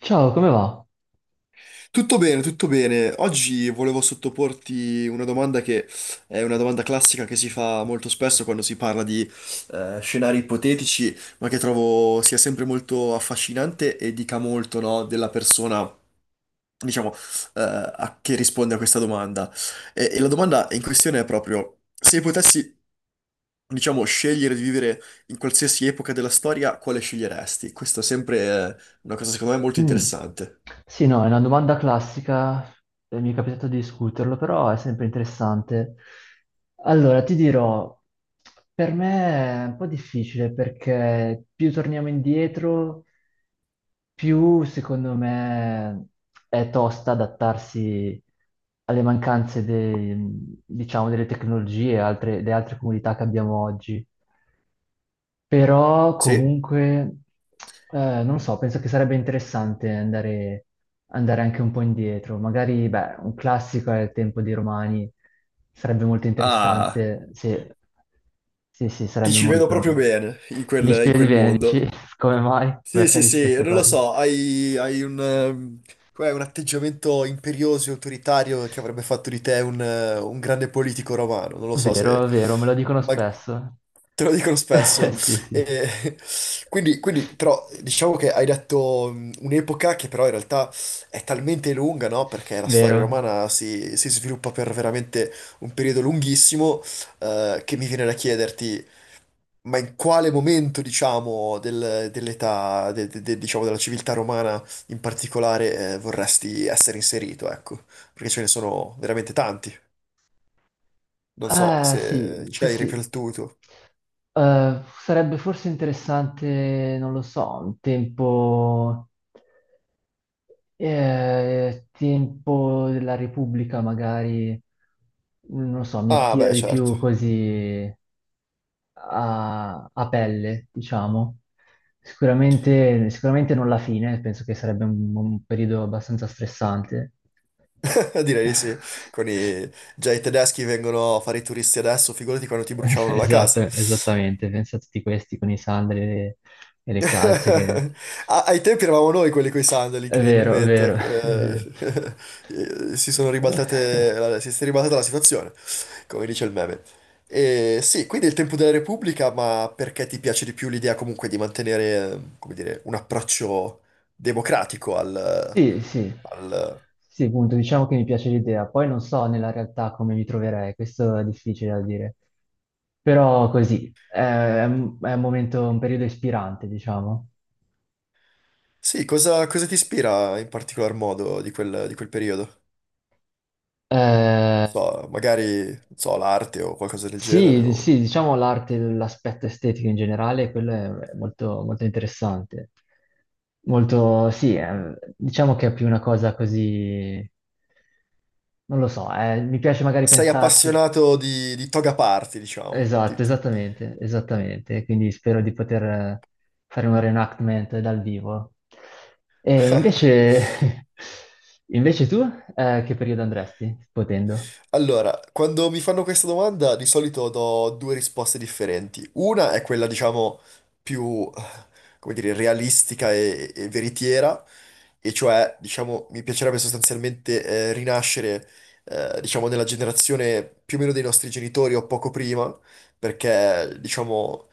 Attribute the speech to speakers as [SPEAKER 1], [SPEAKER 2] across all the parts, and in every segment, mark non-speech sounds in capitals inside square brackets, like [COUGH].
[SPEAKER 1] Ciao, come va?
[SPEAKER 2] Tutto bene, tutto bene. Oggi volevo sottoporti una domanda che è una domanda classica che si fa molto spesso quando si parla di scenari ipotetici, ma che trovo sia sempre molto affascinante e dica molto, no, della persona, diciamo, che risponde a questa domanda. E la domanda in questione è proprio, se potessi, diciamo, scegliere di vivere in qualsiasi epoca della storia, quale sceglieresti? Questa è sempre una cosa, secondo me, molto
[SPEAKER 1] Mm.
[SPEAKER 2] interessante.
[SPEAKER 1] Sì, no, è una domanda classica, mi è capitato di discuterlo, però è sempre interessante. Allora, ti dirò, per me è un po' difficile perché più torniamo indietro, più secondo me è tosta adattarsi alle diciamo, delle tecnologie e delle altre comunità che abbiamo oggi. Però
[SPEAKER 2] Sì?
[SPEAKER 1] comunque, non so, penso che sarebbe interessante andare anche un po' indietro. Magari, beh, un classico è il tempo dei Romani, sarebbe molto
[SPEAKER 2] Ah...
[SPEAKER 1] interessante. Sì, sì, sì,
[SPEAKER 2] Ti
[SPEAKER 1] sarebbe
[SPEAKER 2] ci vedo
[SPEAKER 1] molto...
[SPEAKER 2] proprio bene in
[SPEAKER 1] Dici
[SPEAKER 2] quel, in
[SPEAKER 1] vedi
[SPEAKER 2] quel
[SPEAKER 1] bene, dici
[SPEAKER 2] mondo.
[SPEAKER 1] [LAUGHS] come mai?
[SPEAKER 2] Sì,
[SPEAKER 1] Perché
[SPEAKER 2] sì,
[SPEAKER 1] dici
[SPEAKER 2] sì,
[SPEAKER 1] questa
[SPEAKER 2] non lo
[SPEAKER 1] cosa?
[SPEAKER 2] so, hai un, com'è, un atteggiamento imperioso e autoritario che avrebbe fatto di te un grande politico romano. Non lo so se...
[SPEAKER 1] Vero, vero, me lo dicono
[SPEAKER 2] Ma
[SPEAKER 1] spesso.
[SPEAKER 2] te lo dicono
[SPEAKER 1] [LAUGHS]
[SPEAKER 2] spesso.
[SPEAKER 1] Sì, sì,
[SPEAKER 2] E- [LAUGHS] quindi, però, diciamo che hai detto un'epoca che però in realtà è talmente lunga, no? Perché la storia
[SPEAKER 1] vero.
[SPEAKER 2] romana si sviluppa per veramente un periodo lunghissimo, che mi viene da chiederti... Ma in quale momento, diciamo, dell'età, diciamo, della civiltà romana in particolare, vorresti essere inserito, ecco? Perché ce ne sono veramente tanti. Non so se
[SPEAKER 1] Sì,
[SPEAKER 2] ci
[SPEAKER 1] sì,
[SPEAKER 2] hai
[SPEAKER 1] sì.
[SPEAKER 2] riflettuto.
[SPEAKER 1] Sarebbe forse interessante, non lo so, un tempo, tempo della Repubblica magari, non lo so, mi
[SPEAKER 2] Ah,
[SPEAKER 1] attira
[SPEAKER 2] beh,
[SPEAKER 1] di
[SPEAKER 2] certo.
[SPEAKER 1] più così a, a pelle, diciamo. Sicuramente, sicuramente non la fine, penso che sarebbe un periodo abbastanza stressante.
[SPEAKER 2] [LAUGHS] Direi di sì. Con i...
[SPEAKER 1] [LAUGHS]
[SPEAKER 2] Già i tedeschi vengono a fare i turisti adesso, figurati quando ti
[SPEAKER 1] [LAUGHS]
[SPEAKER 2] bruciavano la
[SPEAKER 1] Esatto,
[SPEAKER 2] casa.
[SPEAKER 1] esattamente, pensa a tutti questi con i sandali e e le calze che...
[SPEAKER 2] [LAUGHS] A- Ai tempi eravamo noi quelli coi sandali,
[SPEAKER 1] È
[SPEAKER 2] incredibilmente.
[SPEAKER 1] vero, [LAUGHS] è vero.
[SPEAKER 2] [LAUGHS] Si sono ribaltate, si è
[SPEAKER 1] [LAUGHS]
[SPEAKER 2] ribaltata la situazione, come dice il meme. E sì, quindi il tempo della Repubblica, ma perché ti piace di più l'idea comunque di mantenere, come dire, un approccio democratico al...
[SPEAKER 1] Sì, sì,
[SPEAKER 2] al-
[SPEAKER 1] sì, appunto, diciamo che mi piace l'idea. Poi non so nella realtà come mi troverei, questo è difficile da dire. Però così, è un momento, un periodo ispirante, diciamo.
[SPEAKER 2] Sì, cosa ti ispira in particolar modo di quel periodo?
[SPEAKER 1] Eh,
[SPEAKER 2] Non so, magari, non so, l'arte o qualcosa del genere
[SPEAKER 1] Sì,
[SPEAKER 2] o...
[SPEAKER 1] sì, diciamo l'arte, l'aspetto estetico in generale, quello è molto, molto interessante. Molto, sì, diciamo che è più una cosa così, non lo so, mi piace magari
[SPEAKER 2] sei
[SPEAKER 1] pensarci.
[SPEAKER 2] appassionato di toga party, diciamo.
[SPEAKER 1] Esatto, esattamente, esattamente. Quindi spero di poter fare un reenactment dal vivo. E
[SPEAKER 2] [LAUGHS]
[SPEAKER 1] invece, [LAUGHS] invece tu, che periodo andresti, potendo?
[SPEAKER 2] Allora, quando mi fanno questa domanda di solito do due risposte differenti. Una è quella, diciamo, più, come dire, realistica e veritiera, e cioè, diciamo, mi piacerebbe sostanzialmente rinascere, diciamo, nella generazione più o meno dei nostri genitori o poco prima, perché, diciamo,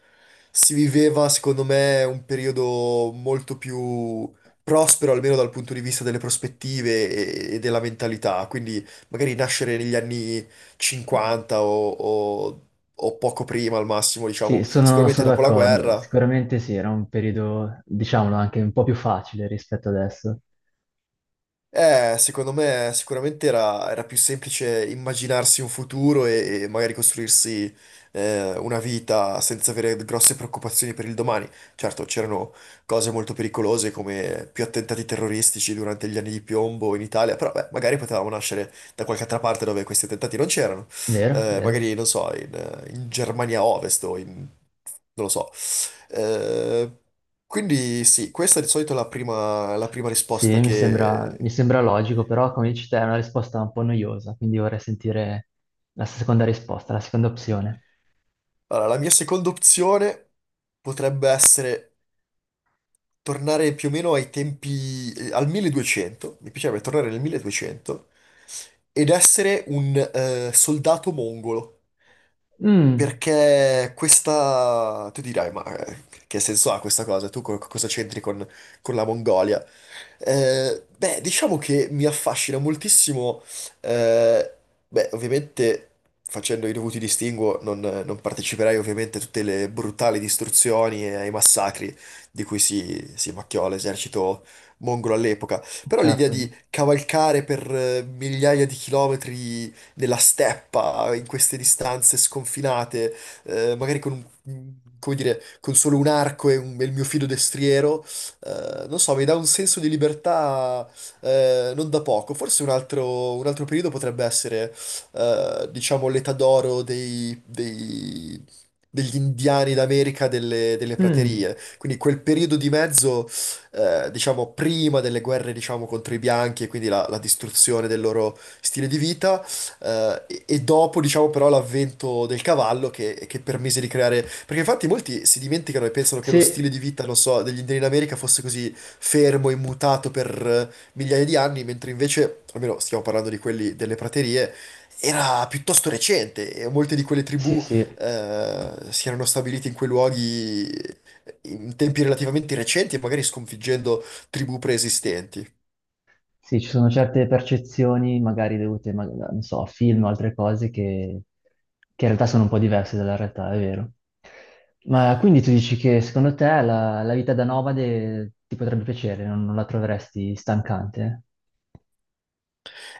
[SPEAKER 2] si viveva, secondo me, un periodo molto più prospero, almeno dal punto di vista delle prospettive e della mentalità. Quindi magari nascere negli anni 50 o poco prima al massimo,
[SPEAKER 1] Sì,
[SPEAKER 2] diciamo, sicuramente
[SPEAKER 1] sono
[SPEAKER 2] dopo la
[SPEAKER 1] d'accordo.
[SPEAKER 2] guerra.
[SPEAKER 1] Sicuramente sì, era un periodo, diciamolo, anche un po' più facile rispetto adesso.
[SPEAKER 2] Secondo me sicuramente era più semplice immaginarsi un futuro e magari costruirsi una vita senza avere grosse preoccupazioni per il domani. Certo, c'erano cose molto pericolose come più attentati terroristici durante gli anni di piombo in Italia, però beh, magari potevamo nascere da qualche altra parte dove questi attentati non c'erano.
[SPEAKER 1] Vero, vero.
[SPEAKER 2] Magari, non so, in Germania Ovest o in... non lo so. Eh, quindi sì, questa è di solito la prima
[SPEAKER 1] Sì,
[SPEAKER 2] risposta
[SPEAKER 1] mi
[SPEAKER 2] che...
[SPEAKER 1] sembra logico, però come dici te è una risposta un po' noiosa, quindi vorrei sentire la seconda risposta, la seconda opzione.
[SPEAKER 2] Allora, la mia seconda opzione potrebbe essere tornare più o meno ai tempi, al 1200, mi piacerebbe tornare nel 1200, ed essere un soldato mongolo,
[SPEAKER 1] Mm,
[SPEAKER 2] perché questa... tu dirai, ma che senso ha questa cosa? Cosa c'entri con la Mongolia? Beh, diciamo che mi affascina moltissimo, eh, beh, ovviamente facendo i dovuti distinguo non parteciperai ovviamente a tutte le brutali distruzioni e ai massacri di cui si macchiò l'esercito mongolo all'epoca, però l'idea
[SPEAKER 1] certo.
[SPEAKER 2] di cavalcare per migliaia di chilometri nella steppa, in queste distanze sconfinate, magari con come dire, con solo un arco e il mio fido destriero, non so, mi dà un senso di libertà non da poco. Forse un altro periodo potrebbe essere, diciamo, l'età d'oro degli indiani d'America delle
[SPEAKER 1] Mm,
[SPEAKER 2] praterie. Quindi quel periodo di mezzo, diciamo, prima delle guerre, diciamo, contro i bianchi e quindi la distruzione del loro stile di vita, e dopo, diciamo, però, l'avvento del cavallo che permise di creare. Perché infatti molti si dimenticano e pensano che lo
[SPEAKER 1] sì,
[SPEAKER 2] stile di vita, non so, degli indiani in America fosse così fermo e mutato per migliaia di anni, mentre invece, almeno stiamo parlando di quelli delle praterie, era piuttosto recente e molte di quelle
[SPEAKER 1] sì,
[SPEAKER 2] tribù
[SPEAKER 1] sì.
[SPEAKER 2] si erano stabilite in quei luoghi. In tempi relativamente recenti e magari sconfiggendo tribù preesistenti.
[SPEAKER 1] Sì, ci sono certe percezioni, magari dovute, non so, a film o altre cose, che in realtà sono un po' diverse dalla realtà, è vero. Ma quindi tu dici che secondo te la vita da nomade ti potrebbe piacere, non la troveresti stancante?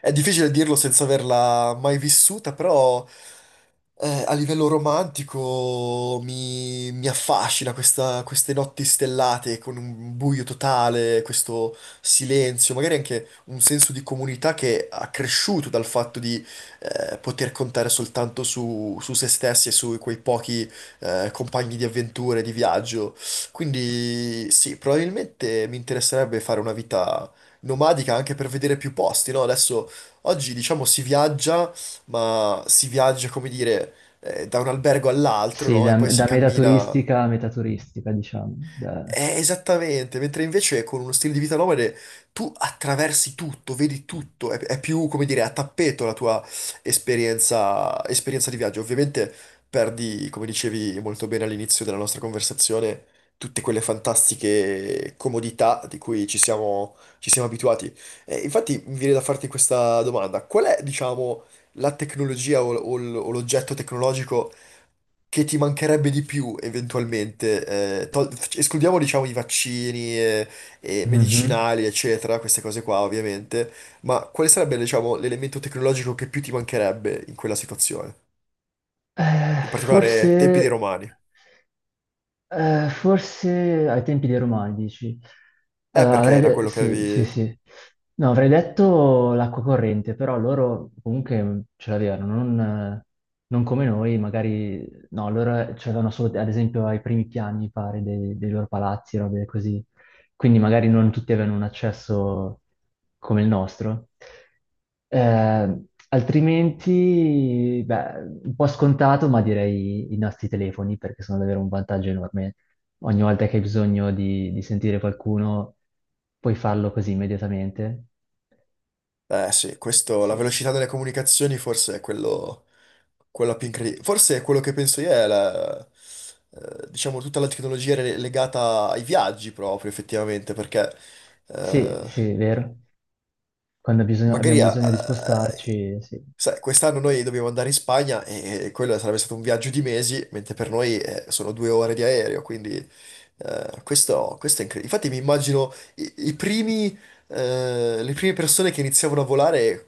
[SPEAKER 2] È difficile dirlo senza averla mai vissuta, però a livello romantico mi affascina queste notti stellate con un buio totale, questo silenzio, magari anche un senso di comunità che ha cresciuto dal fatto di poter contare soltanto su se stessi e su quei pochi compagni di avventure, di viaggio. Quindi sì, probabilmente mi interesserebbe fare una vita nomadica anche per vedere più posti, no? Adesso, oggi diciamo si viaggia, ma si viaggia, come dire, da un albergo all'altro,
[SPEAKER 1] Sì,
[SPEAKER 2] no? E poi si
[SPEAKER 1] da meta
[SPEAKER 2] cammina.
[SPEAKER 1] turistica a meta turistica, diciamo.
[SPEAKER 2] Esattamente, mentre invece con uno stile di vita nomade tu attraversi tutto, vedi tutto, è più, come dire, a tappeto la tua esperienza di viaggio. Ovviamente perdi, come dicevi molto bene all'inizio della nostra conversazione, tutte quelle fantastiche comodità di cui ci siamo abituati. Infatti mi viene da farti questa domanda, qual è, diciamo, la tecnologia o l'oggetto tecnologico che ti mancherebbe di più eventualmente, eh, tol- escludiamo diciamo i vaccini e
[SPEAKER 1] Mhm.
[SPEAKER 2] medicinali, eccetera, queste cose qua ovviamente, ma quale sarebbe diciamo l'elemento tecnologico che più ti mancherebbe in quella situazione? In particolare tempi dei
[SPEAKER 1] Forse.
[SPEAKER 2] Romani.
[SPEAKER 1] Forse ai tempi dei Romani, dici? Allora,
[SPEAKER 2] Perché era quello che
[SPEAKER 1] sì, sì,
[SPEAKER 2] avevi...
[SPEAKER 1] sì. No, avrei detto l'acqua corrente, però loro comunque ce l'avevano, non, non come noi, magari... No, loro ce l'avevano solo, ad esempio, ai primi piani, mi pare, dei loro palazzi, robe così quindi magari non tutti avevano un accesso come il nostro. Eh, altrimenti, beh, un po' scontato, ma direi i nostri telefoni perché sono davvero un vantaggio enorme. Ogni volta che hai bisogno di sentire qualcuno, puoi farlo così immediatamente.
[SPEAKER 2] Eh sì, questo, la
[SPEAKER 1] Sì,
[SPEAKER 2] velocità delle comunicazioni forse è quello più incredibile. Forse è quello che penso io è la... diciamo tutta la tecnologia legata ai viaggi proprio effettivamente perché
[SPEAKER 1] sì,
[SPEAKER 2] eh,
[SPEAKER 1] sì, è vero.
[SPEAKER 2] magari
[SPEAKER 1] Abbiamo
[SPEAKER 2] a-
[SPEAKER 1] bisogno di
[SPEAKER 2] a-
[SPEAKER 1] spostarci, sì.
[SPEAKER 2] sai, quest'anno noi dobbiamo andare in Spagna e quello sarebbe stato un viaggio di mesi, mentre per noi sono 2 ore di aereo, quindi questo è incredibile. Infatti mi immagino i primi, le prime persone che iniziavano a volare,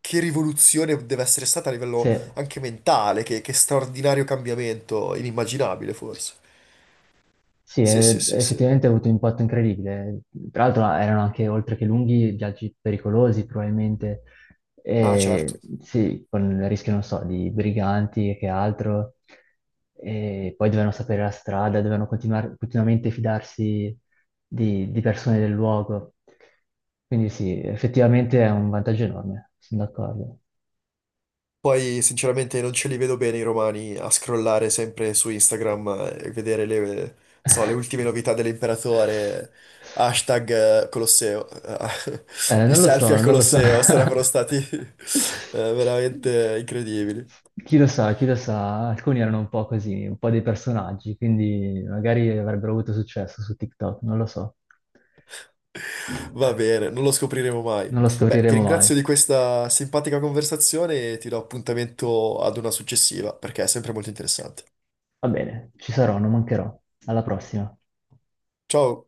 [SPEAKER 2] che rivoluzione deve essere stata a livello
[SPEAKER 1] Sì.
[SPEAKER 2] anche mentale, che straordinario cambiamento, inimmaginabile forse.
[SPEAKER 1] Sì,
[SPEAKER 2] Sì, sì, sì, sì.
[SPEAKER 1] effettivamente ha avuto un impatto incredibile. Tra l'altro erano anche, oltre che lunghi, viaggi pericolosi probabilmente.
[SPEAKER 2] Ah, certo.
[SPEAKER 1] E, sì, con il rischio, non so, di briganti e che altro. E poi dovevano sapere la strada, dovevano continuamente fidarsi di persone del luogo. Quindi sì, effettivamente è un vantaggio enorme, sono d'accordo.
[SPEAKER 2] Poi sinceramente non ce li vedo bene i romani a scrollare sempre su Instagram e vedere le, so, le ultime novità dell'imperatore, hashtag Colosseo, [LAUGHS] i
[SPEAKER 1] Non lo
[SPEAKER 2] selfie
[SPEAKER 1] so,
[SPEAKER 2] al
[SPEAKER 1] non lo so.
[SPEAKER 2] Colosseo sarebbero
[SPEAKER 1] [LAUGHS]
[SPEAKER 2] stati [LAUGHS] veramente incredibili.
[SPEAKER 1] Chi lo sa, alcuni erano un po' così, un po' dei personaggi, quindi magari avrebbero avuto successo su TikTok, non lo so.
[SPEAKER 2] Va bene, non lo scopriremo mai.
[SPEAKER 1] Non lo
[SPEAKER 2] Beh, ti
[SPEAKER 1] scopriremo mai.
[SPEAKER 2] ringrazio di questa simpatica conversazione e ti do appuntamento ad una successiva perché è sempre molto interessante.
[SPEAKER 1] Va bene, ci sarò, non mancherò. Alla prossima.
[SPEAKER 2] Ciao!